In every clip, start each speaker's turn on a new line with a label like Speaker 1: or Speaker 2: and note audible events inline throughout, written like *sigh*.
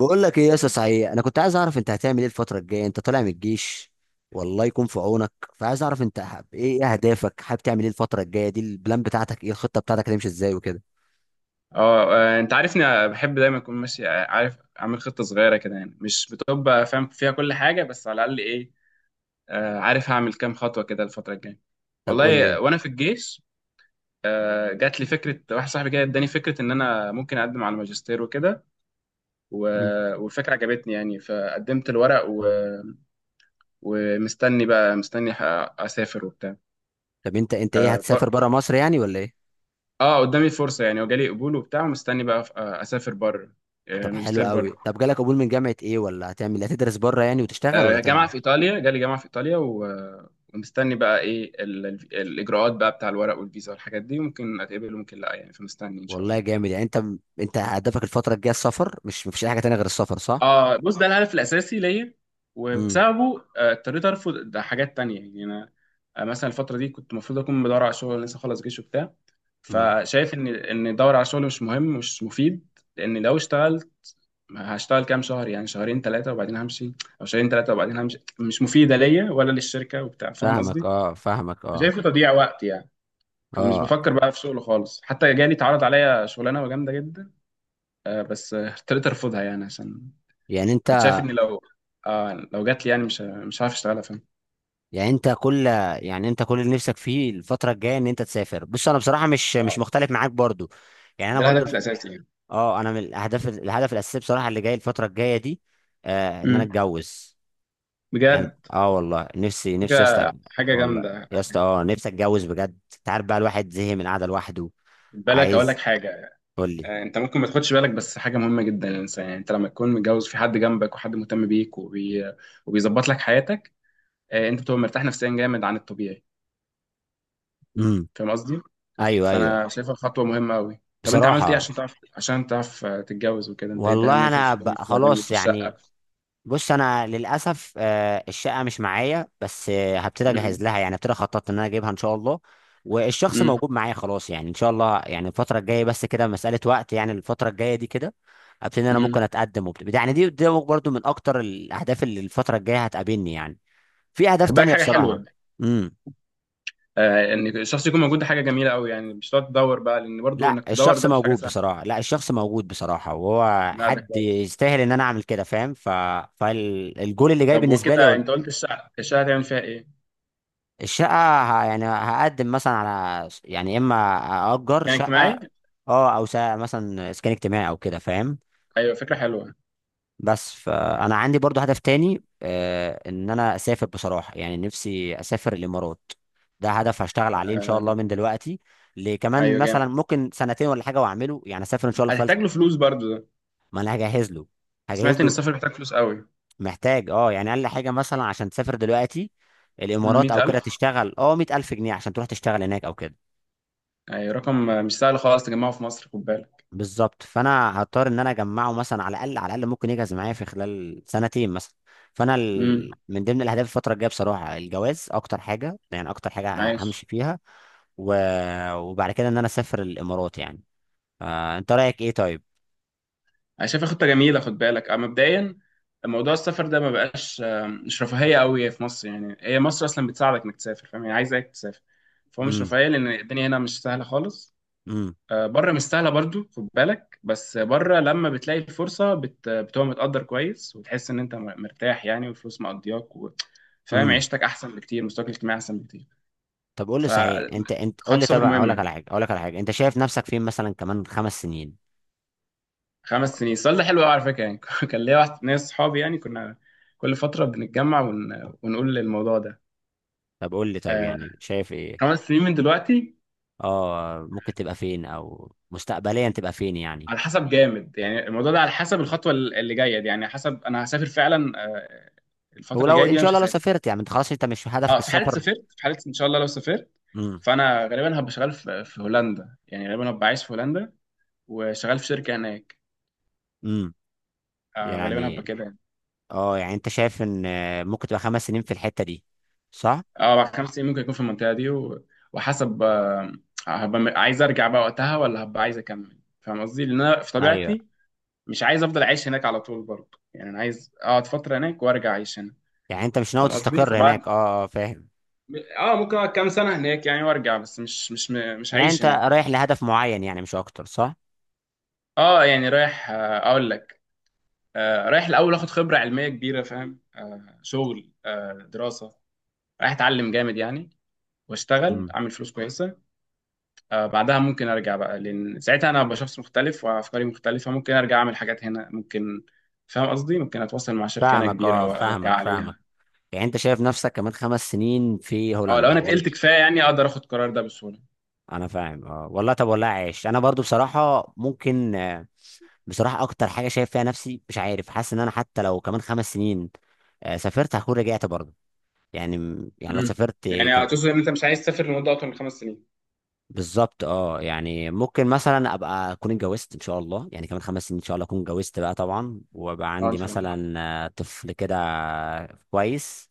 Speaker 1: بقول لك ايه يا اسطى، صحيح انا كنت عايز اعرف انت هتعمل ايه الفتره الجايه. انت طالع من الجيش، والله يكون في عونك. فعايز اعرف انت حاب ايه، إيه اهدافك، حابب تعمل ايه الفتره الجايه دي، البلان بتاعتك ايه، الخطه بتاعتك هتمشي ازاي وكده.
Speaker 2: انت عارفني، أنا بحب دايما اكون ماشي. عارف اعمل خطه صغيره كده، يعني مش بتبقى فاهم فيها كل حاجه، بس على الاقل ايه، عارف هعمل كام خطوه كده الفتره الجايه.
Speaker 1: طب قول
Speaker 2: والله
Speaker 1: لي.
Speaker 2: وانا في الجيش جات لي فكره. واحد صاحبي كده اداني فكره ان انا ممكن اقدم على الماجستير وكده.
Speaker 1: مم.
Speaker 2: والفكره عجبتني يعني، فقدمت الورق ومستني بقى. مستني اسافر وبتاع.
Speaker 1: طب انت ايه،
Speaker 2: اه ب-
Speaker 1: هتسافر بره مصر يعني ولا ايه؟
Speaker 2: قدامي فرصه يعني، وجالي قبول وبتاع، ومستني بقى اسافر بره،
Speaker 1: طب حلو
Speaker 2: ماجستير
Speaker 1: قوي.
Speaker 2: بره.
Speaker 1: طب جالك قبول من جامعه ايه، ولا هتعمل هتدرس بره يعني وتشتغل ولا تعمل
Speaker 2: جامعة في
Speaker 1: إيه؟
Speaker 2: إيطاليا، جالي جامعة في إيطاليا ومستني بقى الإجراءات بقى بتاع الورق والفيزا والحاجات دي. ممكن أتقبل وممكن لأ يعني، فمستني إن شاء
Speaker 1: والله
Speaker 2: الله.
Speaker 1: جامد يعني انت. انت هدفك الفتره الجايه السفر، مش مفيش اي حاجه تانية غير السفر، صح؟
Speaker 2: بص، ده الهدف الأساسي ليا،
Speaker 1: امم.
Speaker 2: وبسببه اضطريت أرفض ده حاجات تانية يعني. أنا مثلا الفترة دي كنت المفروض أكون بدور على شغل، لسه خلص جيش وبتاع،
Speaker 1: امم.
Speaker 2: فشايف إن أدور على شغل مش مهم، مش مفيد. لأن لو اشتغلت هشتغل كام شهر، يعني شهرين ثلاثة وبعدين همشي، أو شهرين ثلاثة وبعدين همشي. مش مفيدة ليا ولا للشركة وبتاع. فاهم
Speaker 1: فاهمك
Speaker 2: قصدي؟
Speaker 1: اه، فاهمك اه.
Speaker 2: شايفه تضييع وقت يعني. فمش
Speaker 1: اه
Speaker 2: بفكر بقى في شغله خالص، حتى جالي اتعرض عليا شغلانه جامده جدا، بس اضطريت ارفضها يعني، عشان
Speaker 1: يعني انت
Speaker 2: كنت شايف ان لو لو جات لي يعني مش مش هعرف اشتغلها. فاهم.
Speaker 1: يعني انت كل يعني انت كل اللي نفسك فيه الفتره الجايه ان انت تسافر. بص انا بصراحه مش
Speaker 2: اه،
Speaker 1: مختلف معاك برضو. يعني انا
Speaker 2: ده
Speaker 1: برضو.
Speaker 2: الهدف الاساسي يعني.
Speaker 1: اه، انا من الاهداف الهدف الاساسي بصراحه اللي جاي الفتره الجايه دي ان انا
Speaker 2: امم.
Speaker 1: اتجوز. يعني
Speaker 2: بجد.
Speaker 1: والله نفسي نفسي يا اسطى.
Speaker 2: فكره حاجه
Speaker 1: والله
Speaker 2: جامده.
Speaker 1: يا اسطى، نفسي اتجوز بجد. انت عارف بقى الواحد زهق من القعده لوحده.
Speaker 2: خد بالك اقول لك
Speaker 1: عايز.
Speaker 2: حاجه،
Speaker 1: قول لي.
Speaker 2: انت ممكن ما تاخدش بالك، بس حاجه مهمه جدا للانسان. يعني انت لما تكون متجوز، في حد جنبك وحد مهتم بيك وبيظبط لك حياتك، انت بتبقى مرتاح نفسيا جامد عن الطبيعي.
Speaker 1: امم.
Speaker 2: فاهم قصدي؟
Speaker 1: ايوه، ايوه.
Speaker 2: فانا شايفها خطوه مهمه قوي. طب انت عملت ايه
Speaker 1: بصراحه،
Speaker 2: عشان تعرف تتجوز وكده؟ انت ايه هتعمل
Speaker 1: والله
Speaker 2: ايه في
Speaker 1: انا
Speaker 2: الفلوس، وهتعمل ايه
Speaker 1: خلاص
Speaker 2: في الشقه؟
Speaker 1: يعني. بص، انا للاسف الشقه مش معايا، بس هبتدي اجهز
Speaker 2: امم.
Speaker 1: لها يعني، ابتدي خططت ان انا اجيبها ان شاء الله. والشخص
Speaker 2: امم.
Speaker 1: موجود معايا خلاص يعني ان شاء الله. يعني الفتره الجايه بس كده، مساله وقت يعني الفتره الجايه دي كده، ابتدي إن انا ممكن
Speaker 2: امم.
Speaker 1: اتقدم وبتاع يعني. دي برضو من اكتر الاهداف اللي الفتره الجايه هتقابلني يعني. في اهداف
Speaker 2: خد بالك
Speaker 1: تانية
Speaker 2: حاجه
Speaker 1: بصراحه.
Speaker 2: حلوه،
Speaker 1: امم.
Speaker 2: ان الشخص يكون موجود، ده حاجه جميله قوي يعني. مش تقعد تدور بقى، لان برضو
Speaker 1: لا،
Speaker 2: انك تدور
Speaker 1: الشخص
Speaker 2: ده مش حاجه
Speaker 1: موجود
Speaker 2: سهله.
Speaker 1: بصراحه، لا الشخص موجود بصراحه، وهو
Speaker 2: لا، ده
Speaker 1: حد
Speaker 2: كويس.
Speaker 1: يستاهل ان انا اعمل كده، فاهم. ف فالجول اللي جاي
Speaker 2: طب
Speaker 1: بالنسبه
Speaker 2: وكده
Speaker 1: لي.
Speaker 2: انت قلت الشقه، الشقه هتعمل فيها ايه؟
Speaker 1: الشقة، يعني هقدم مثلا على يعني اما اجر
Speaker 2: كان
Speaker 1: شقة.
Speaker 2: اجتماعي.
Speaker 1: اه، او مثلا اسكان اجتماعي او كده فاهم.
Speaker 2: ايوه، فكره حلوه.
Speaker 1: بس فانا عندي برضو هدف تاني، ان انا اسافر بصراحة. يعني نفسي اسافر الامارات. ده هدف هشتغل عليه ان شاء
Speaker 2: آه
Speaker 1: الله من دلوقتي لكمان
Speaker 2: ايوه
Speaker 1: مثلا
Speaker 2: جامد.
Speaker 1: ممكن سنتين ولا حاجة، واعمله يعني اسافر ان شاء الله خلال.
Speaker 2: هتحتاج له فلوس برضو ده.
Speaker 1: ما انا هجهز له. هجهز
Speaker 2: سمعت ان
Speaker 1: له.
Speaker 2: السفر بيحتاج فلوس قوي.
Speaker 1: محتاج، يعني اقل حاجة مثلا عشان تسافر دلوقتي الامارات او كده
Speaker 2: 100,000.
Speaker 1: تشتغل، 100,000 جنيه عشان تروح تشتغل هناك او كده.
Speaker 2: ايوه، رقم مش سهل خالص تجمعه في مصر، خد بالك.
Speaker 1: بالظبط، فانا هضطر ان انا اجمعه مثلا على الاقل، على الاقل ممكن يجهز معايا في خلال سنتين مثلا. فانا
Speaker 2: امم.
Speaker 1: من ضمن الاهداف الفتره الجايه بصراحه الجواز اكتر حاجه يعني، اكتر حاجه
Speaker 2: عايش.
Speaker 1: همشي فيها. و... وبعد كده ان انا اسافر الامارات يعني. انت رايك ايه طيب؟
Speaker 2: انا شايفها خطه جميله. خد بالك مبدئيا موضوع السفر ده ما بقاش مش رفاهيه قوي في مصر. يعني هي مصر اصلا بتساعدك انك تسافر، فاهم، هي عايزاك تسافر. فهو مش
Speaker 1: امم.
Speaker 2: رفاهيه، لان الدنيا هنا مش سهله خالص.
Speaker 1: امم.
Speaker 2: بره مش سهله برضو، خد بالك، بس بره لما بتلاقي الفرصه بتبقى متقدر كويس، وتحس ان انت مرتاح يعني، والفلوس مقضياك فاهم.
Speaker 1: امم.
Speaker 2: عيشتك احسن بكتير، مستواك الاجتماعي احسن بكتير.
Speaker 1: طب قول لي صحيح، انت قول
Speaker 2: فخط
Speaker 1: لي، طب
Speaker 2: سفر
Speaker 1: اقول
Speaker 2: مهم
Speaker 1: لك على
Speaker 2: يعني.
Speaker 1: حاجه اقول لك على حاجه انت شايف نفسك فين مثلا كمان خمس سنين؟
Speaker 2: خمس سنين. السؤال ده حلو قوي على فكره يعني. *laughs* كان ليا واحد ناس صحابي يعني، كنا كل فتره بنتجمع ونقول الموضوع ده.
Speaker 1: طب قول لي طيب،
Speaker 2: آه
Speaker 1: يعني شايف ايه؟
Speaker 2: خمس سنين من دلوقتي.
Speaker 1: اه، ممكن تبقى فين، او مستقبليا تبقى فين يعني؟
Speaker 2: على حسب جامد يعني الموضوع ده، على حسب الخطوه اللي جايه دي، يعني حسب انا هسافر فعلا الفتره اللي
Speaker 1: ولو
Speaker 2: جايه دي
Speaker 1: ان
Speaker 2: ولا
Speaker 1: شاء
Speaker 2: مش
Speaker 1: الله لو
Speaker 2: هسافر.
Speaker 1: سافرت، يعني انت خلاص انت مش هدفك
Speaker 2: اه، في حاله
Speaker 1: السفر.
Speaker 2: سافرت، في حاله ان شاء الله لو سافرت،
Speaker 1: امم.
Speaker 2: فانا غالبا هبقى شغال في هولندا، يعني غالبا هبقى عايش في هولندا وشغال في شركه هناك.
Speaker 1: امم.
Speaker 2: غالبا هبقى
Speaker 1: يعني
Speaker 2: كده يعني.
Speaker 1: اه يعني انت شايف ان ممكن تبقى خمس سنين في الحتة دي، صح؟
Speaker 2: اه، بعد خمس سنين ممكن يكون في المنطقة دي وحسب هبقى عايز ارجع بقى وقتها، ولا هبقى عايز اكمل؟ فاهم قصدي؟ لان انا في
Speaker 1: ايوه،
Speaker 2: طبيعتي مش عايز افضل عايش هناك على طول برضه يعني. انا عايز اقعد فترة هناك وارجع اعيش هنا،
Speaker 1: يعني انت مش ناوي
Speaker 2: فاهم قصدي؟
Speaker 1: تستقر
Speaker 2: فبعد
Speaker 1: هناك. اه، اه، فاهم.
Speaker 2: اه ممكن اقعد كام سنة هناك يعني وارجع، بس مش
Speaker 1: يعني
Speaker 2: هعيش
Speaker 1: انت
Speaker 2: هناك.
Speaker 1: رايح لهدف معين يعني مش اكتر، صح؟
Speaker 2: اه، يعني رايح اقول لك رايح الاول اخد خبرة علمية كبيرة، فاهم، شغل دراسة. رايح اتعلم جامد يعني، واشتغل
Speaker 1: امم.
Speaker 2: اعمل فلوس كويسة. بعدها ممكن ارجع بقى، لان ساعتها انا ابقى شخص مختلف وافكاري مختلفه. ممكن ارجع اعمل حاجات هنا، ممكن. فاهم قصدي؟ ممكن اتواصل مع شركه هنا
Speaker 1: فاهمك
Speaker 2: كبيره
Speaker 1: اه،
Speaker 2: وارجع
Speaker 1: فاهمك، فاهمك.
Speaker 2: عليها.
Speaker 1: يعني انت شايف نفسك كمان خمس سنين في
Speaker 2: اه، لو
Speaker 1: هولندا
Speaker 2: انا
Speaker 1: وال...
Speaker 2: اتقلت كفايه يعني اقدر اخد القرار ده بسهوله.
Speaker 1: انا فاهم اه، والله. طب والله عايش. انا برضو بصراحة ممكن، بصراحة اكتر حاجة شايف فيها نفسي مش عارف، حاسس ان انا حتى لو كمان خمس سنين سافرت هكون رجعت برضو يعني يعني لو
Speaker 2: امم.
Speaker 1: سافرت
Speaker 2: يعني
Speaker 1: كم...
Speaker 2: هتوصل ان انت مش عايز تسافر لمده اطول من خمس سنين.
Speaker 1: بالظبط. اه يعني ممكن مثلا ابقى اكون اتجوزت ان شاء الله، يعني كمان خمس سنين ان شاء الله اكون اتجوزت بقى طبعا، وابقى
Speaker 2: اه، ان
Speaker 1: عندي
Speaker 2: شاء الله.
Speaker 1: مثلا طفل كده. كويس،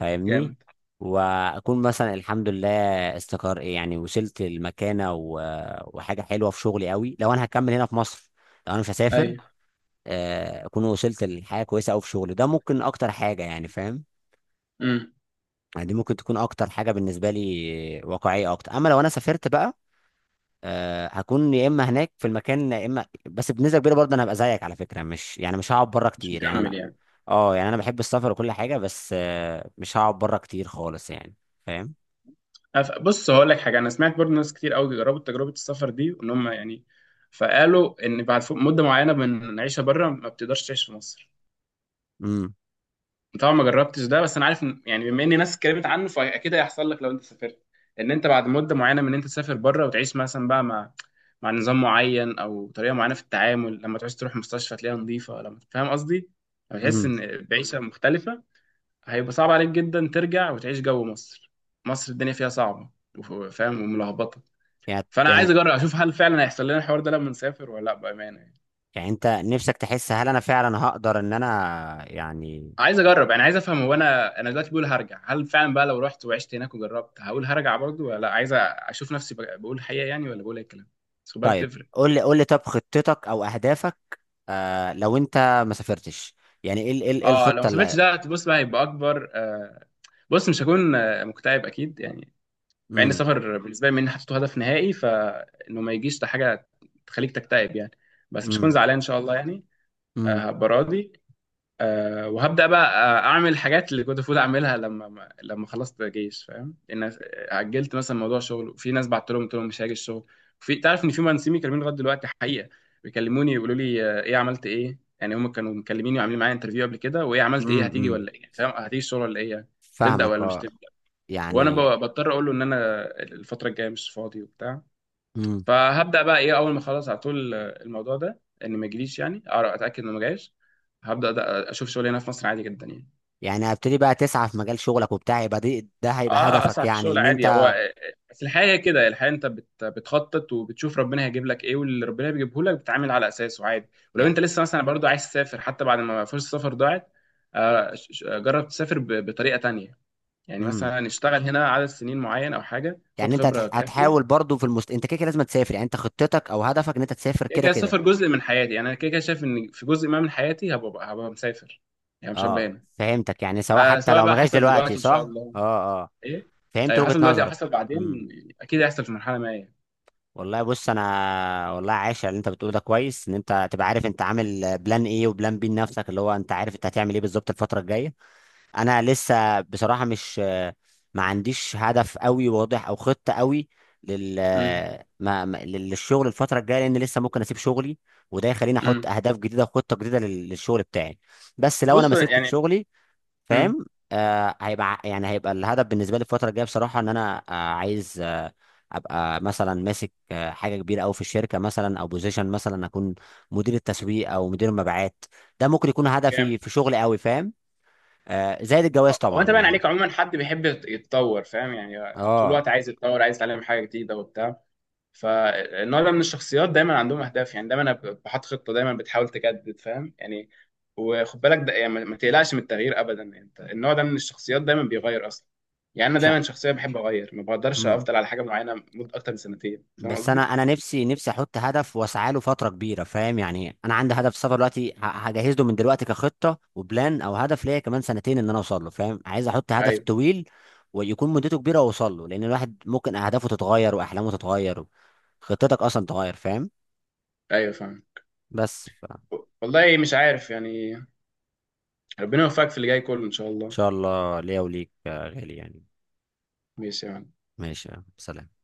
Speaker 1: فاهمني.
Speaker 2: جامد.
Speaker 1: واكون مثلا الحمد لله استقر يعني، وصلت المكانه. و... وحاجه حلوه في شغلي قوي لو انا هكمل هنا في مصر، لو انا مش هسافر
Speaker 2: ايوه.
Speaker 1: اكون وصلت لحاجه كويسه قوي في شغلي. ده ممكن اكتر حاجه يعني فاهم.
Speaker 2: امم.
Speaker 1: يعني دي ممكن تكون اكتر حاجه بالنسبه لي، واقعيه اكتر. اما لو انا سافرت بقى هكون يا اما هناك في المكان، يا اما بس بنسبه كبيره برضه انا هبقى زيك على فكره. مش يعني، مش هقعد بره
Speaker 2: مش
Speaker 1: كتير يعني
Speaker 2: مكمل
Speaker 1: انا.
Speaker 2: يعني.
Speaker 1: اه، يعني انا بحب السفر وكل حاجه، بس مش هقعد بره كتير خالص يعني فاهم.
Speaker 2: بص هقول لك حاجه، انا سمعت برضه ناس كتير قوي جربوا تجربه السفر دي وان هم يعني، فقالوا ان بعد فوق مده معينه من العيشه بره ما بتقدرش تعيش في مصر.
Speaker 1: امم.
Speaker 2: طبعا ما جربتش ده، بس انا عارف يعني بما ان ناس اتكلمت عنه، فاكيد هيحصل لك لو انت سافرت، ان انت بعد مده معينه من ان انت تسافر بره وتعيش مثلا بقى مع مع نظام معين او طريقه معينه في التعامل. لما تعوز تروح مستشفى تلاقيها نظيفه، لما، فاهم قصدي، لما تحس
Speaker 1: امم.
Speaker 2: ان بعيشه مختلفه، هيبقى صعب عليك جدا ترجع وتعيش جو مصر. مصر الدنيا فيها صعبه وف- فاهم، وملخبطه.
Speaker 1: يعني
Speaker 2: فانا عايز
Speaker 1: يعني
Speaker 2: اجرب اشوف هل فعلا هيحصل لنا الحوار ده لما نسافر ولا لا، بامانه يعني.
Speaker 1: يعني انت نفسك تحس هل انا فعلا هقدر ان انا يعني.
Speaker 2: عايز اجرب يعني عايز افهم، هو انا انا دلوقتي بقول هرجع، هل فعلا بقى لو رحت وعشت هناك وجربت هقول هرجع برضو ولا لا. عايز اشوف نفسي بقول الحقيقه يعني ولا بقول اي كلام. بس خد بالك
Speaker 1: طيب،
Speaker 2: بتفرق.
Speaker 1: قول لي طب خطتك او اهدافك لو انت ما سافرتش يعني، إيه
Speaker 2: اه، لو
Speaker 1: الخطه
Speaker 2: ما سافرتش
Speaker 1: اللي.
Speaker 2: ده بص بقى هيبقى اكبر بص. مش هكون مكتئب اكيد يعني. مع ان
Speaker 1: امم.
Speaker 2: السفر بالنسبه لي من حطيته هدف نهائي، فانه ما يجيش ده حاجه تخليك تكتئب يعني. بس مش
Speaker 1: امم.
Speaker 2: هكون زعلان ان شاء الله يعني.
Speaker 1: امم.
Speaker 2: هبقى راضي. وهبدا بقى اعمل حاجات اللي كنت المفروض اعملها لما لما خلصت جيش. فاهم ان أنا اجلت مثلا موضوع شغل، في ناس بعت لهم قلت لهم مش هاجي الشغل. في، تعرف ان في مهندسين بيكلموني لغايه دلوقتي حقيقه، بيكلموني يقولوا لي ايه عملت ايه يعني، هم كانوا مكلميني وعاملين معايا انترفيو قبل كده، وايه عملت
Speaker 1: امم.
Speaker 2: ايه، هتيجي
Speaker 1: امم.
Speaker 2: ولا ايه، فاهم، هتيجي الشغل ولا ايه يعني، تبدا
Speaker 1: فاهمك
Speaker 2: ولا مش
Speaker 1: اه.
Speaker 2: تبدا. وانا
Speaker 1: يعني.
Speaker 2: بضطر اقول له ان انا الفتره الجايه مش فاضي وبتاع.
Speaker 1: امم.
Speaker 2: فهبدا بقى ايه اول ما خلاص على طول الموضوع ده ان ما يجيليش يعني، اتاكد انه ما جايش، هبدا اشوف شغل هنا في مصر عادي جدا يعني.
Speaker 1: يعني هبتدي بقى تسعى في مجال شغلك وبتاع، يبقى ده هيبقى
Speaker 2: اه،
Speaker 1: هدفك
Speaker 2: اسعى في
Speaker 1: يعني
Speaker 2: الشغل
Speaker 1: ان
Speaker 2: عادي. هو
Speaker 1: انت.
Speaker 2: بس الحياه هي كده، الحياه انت بتخطط وبتشوف ربنا هيجيب لك ايه، واللي ربنا بيجيبه لك بتتعامل على اساسه عادي. ولو
Speaker 1: يعني.
Speaker 2: انت لسه مثلا برضو عايز تسافر حتى بعد ما فرصه السفر ضاعت، جرب تسافر بطريقه تانية، يعني
Speaker 1: امم.
Speaker 2: مثلا اشتغل هنا عدد سنين معين او حاجه، خد
Speaker 1: يعني انت هتح-
Speaker 2: خبره
Speaker 1: هتحاول
Speaker 2: كافيه.
Speaker 1: برضو في انت كده كده لازم تسافر. يعني انت خطتك او هدفك ان انت تسافر
Speaker 2: كده
Speaker 1: كده
Speaker 2: كده
Speaker 1: كده.
Speaker 2: السفر جزء من حياتي يعني، انا كده كده شايف ان في جزء ما من حياتي هبقى مسافر، يعني مش
Speaker 1: اه،
Speaker 2: هبقى هنا.
Speaker 1: فهمتك يعني، سواء حتى
Speaker 2: فسواء
Speaker 1: لو ما
Speaker 2: بقى
Speaker 1: جاش
Speaker 2: حصل
Speaker 1: دلوقتي
Speaker 2: دلوقتي ان شاء
Speaker 1: صح.
Speaker 2: الله.
Speaker 1: اه، اه،
Speaker 2: ايه.
Speaker 1: فهمت
Speaker 2: ايوه
Speaker 1: وجهة
Speaker 2: حصل دلوقتي او
Speaker 1: نظرك.
Speaker 2: حصل
Speaker 1: امم.
Speaker 2: بعدين، اكيد هيحصل في مرحله ما يعني.
Speaker 1: والله بص، انا والله عايش على اللي انت بتقوله. ده كويس ان انت تبقى عارف انت عامل بلان ايه وبلان بي لنفسك، اللي هو انت عارف انت هتعمل ايه بالظبط الفترة الجاية. انا لسه بصراحه، مش، ما عنديش هدف قوي واضح او خطه قوي لل
Speaker 2: امم.
Speaker 1: ما ما- للشغل الفتره الجايه، لان لسه ممكن اسيب شغلي. وده يخليني احط
Speaker 2: امم.
Speaker 1: اهداف جديده وخطه جديده للشغل بتاعي. بس لو انا
Speaker 2: بص
Speaker 1: ما سبت
Speaker 2: يعني.
Speaker 1: شغلي
Speaker 2: امم.
Speaker 1: فاهم، هيبقى يعني هيبقى الهدف بالنسبه لي الفتره الجايه بصراحه ان انا عايز ابقى مثلا ماسك حاجه كبيره قوي في الشركه مثلا، او بوزيشن مثلا اكون مدير التسويق او مدير المبيعات. ده ممكن يكون
Speaker 2: جامد.
Speaker 1: هدفي في شغلي قوي فاهم. زائد الجواز
Speaker 2: هو انت
Speaker 1: طبعا
Speaker 2: باين
Speaker 1: يعني.
Speaker 2: عليك عموما حد بيحب يتطور، فاهم يعني، طول
Speaker 1: اه،
Speaker 2: الوقت عايز يتطور، عايز يتعلم حاجه جديده وبتاع. فالنوع ده من الشخصيات دايما عندهم اهداف يعني، دايما بحط خطه، دايما بتحاول تجدد، فاهم يعني. وخد بالك ده، يعني ما تقلقش من التغيير ابدا يعني، انت النوع ده من الشخصيات دايما بيغير اصلا. يعني انا
Speaker 1: مش ع-
Speaker 2: دايما شخصيه بحب اغير، ما بقدرش
Speaker 1: مم.
Speaker 2: افضل على حاجه معينه مده اكتر من سنتين، فاهم
Speaker 1: بس انا
Speaker 2: قصدي؟
Speaker 1: انا نفسي نفسي احط هدف واسعى له فتره كبيره فاهم. يعني انا عندي هدف سفر دلوقتي، هجهز له من دلوقتي كخطه وبلان، او هدف ليا كمان سنتين ان انا اوصل له فاهم. عايز احط هدف
Speaker 2: ايوه،
Speaker 1: طويل ويكون مدته كبيره واوصل له، لان الواحد ممكن اهدافه تتغير واحلامه تتغير، خطتك اصلا تتغير فاهم.
Speaker 2: ايوه فاهم.
Speaker 1: بس ان
Speaker 2: والله مش عارف يعني. ربنا يوفقك في اللي جاي كله ان شاء الله.
Speaker 1: شاء الله ليا وليك يا غالي يعني.
Speaker 2: ماشي يا معلم.
Speaker 1: ماشي يا سلام.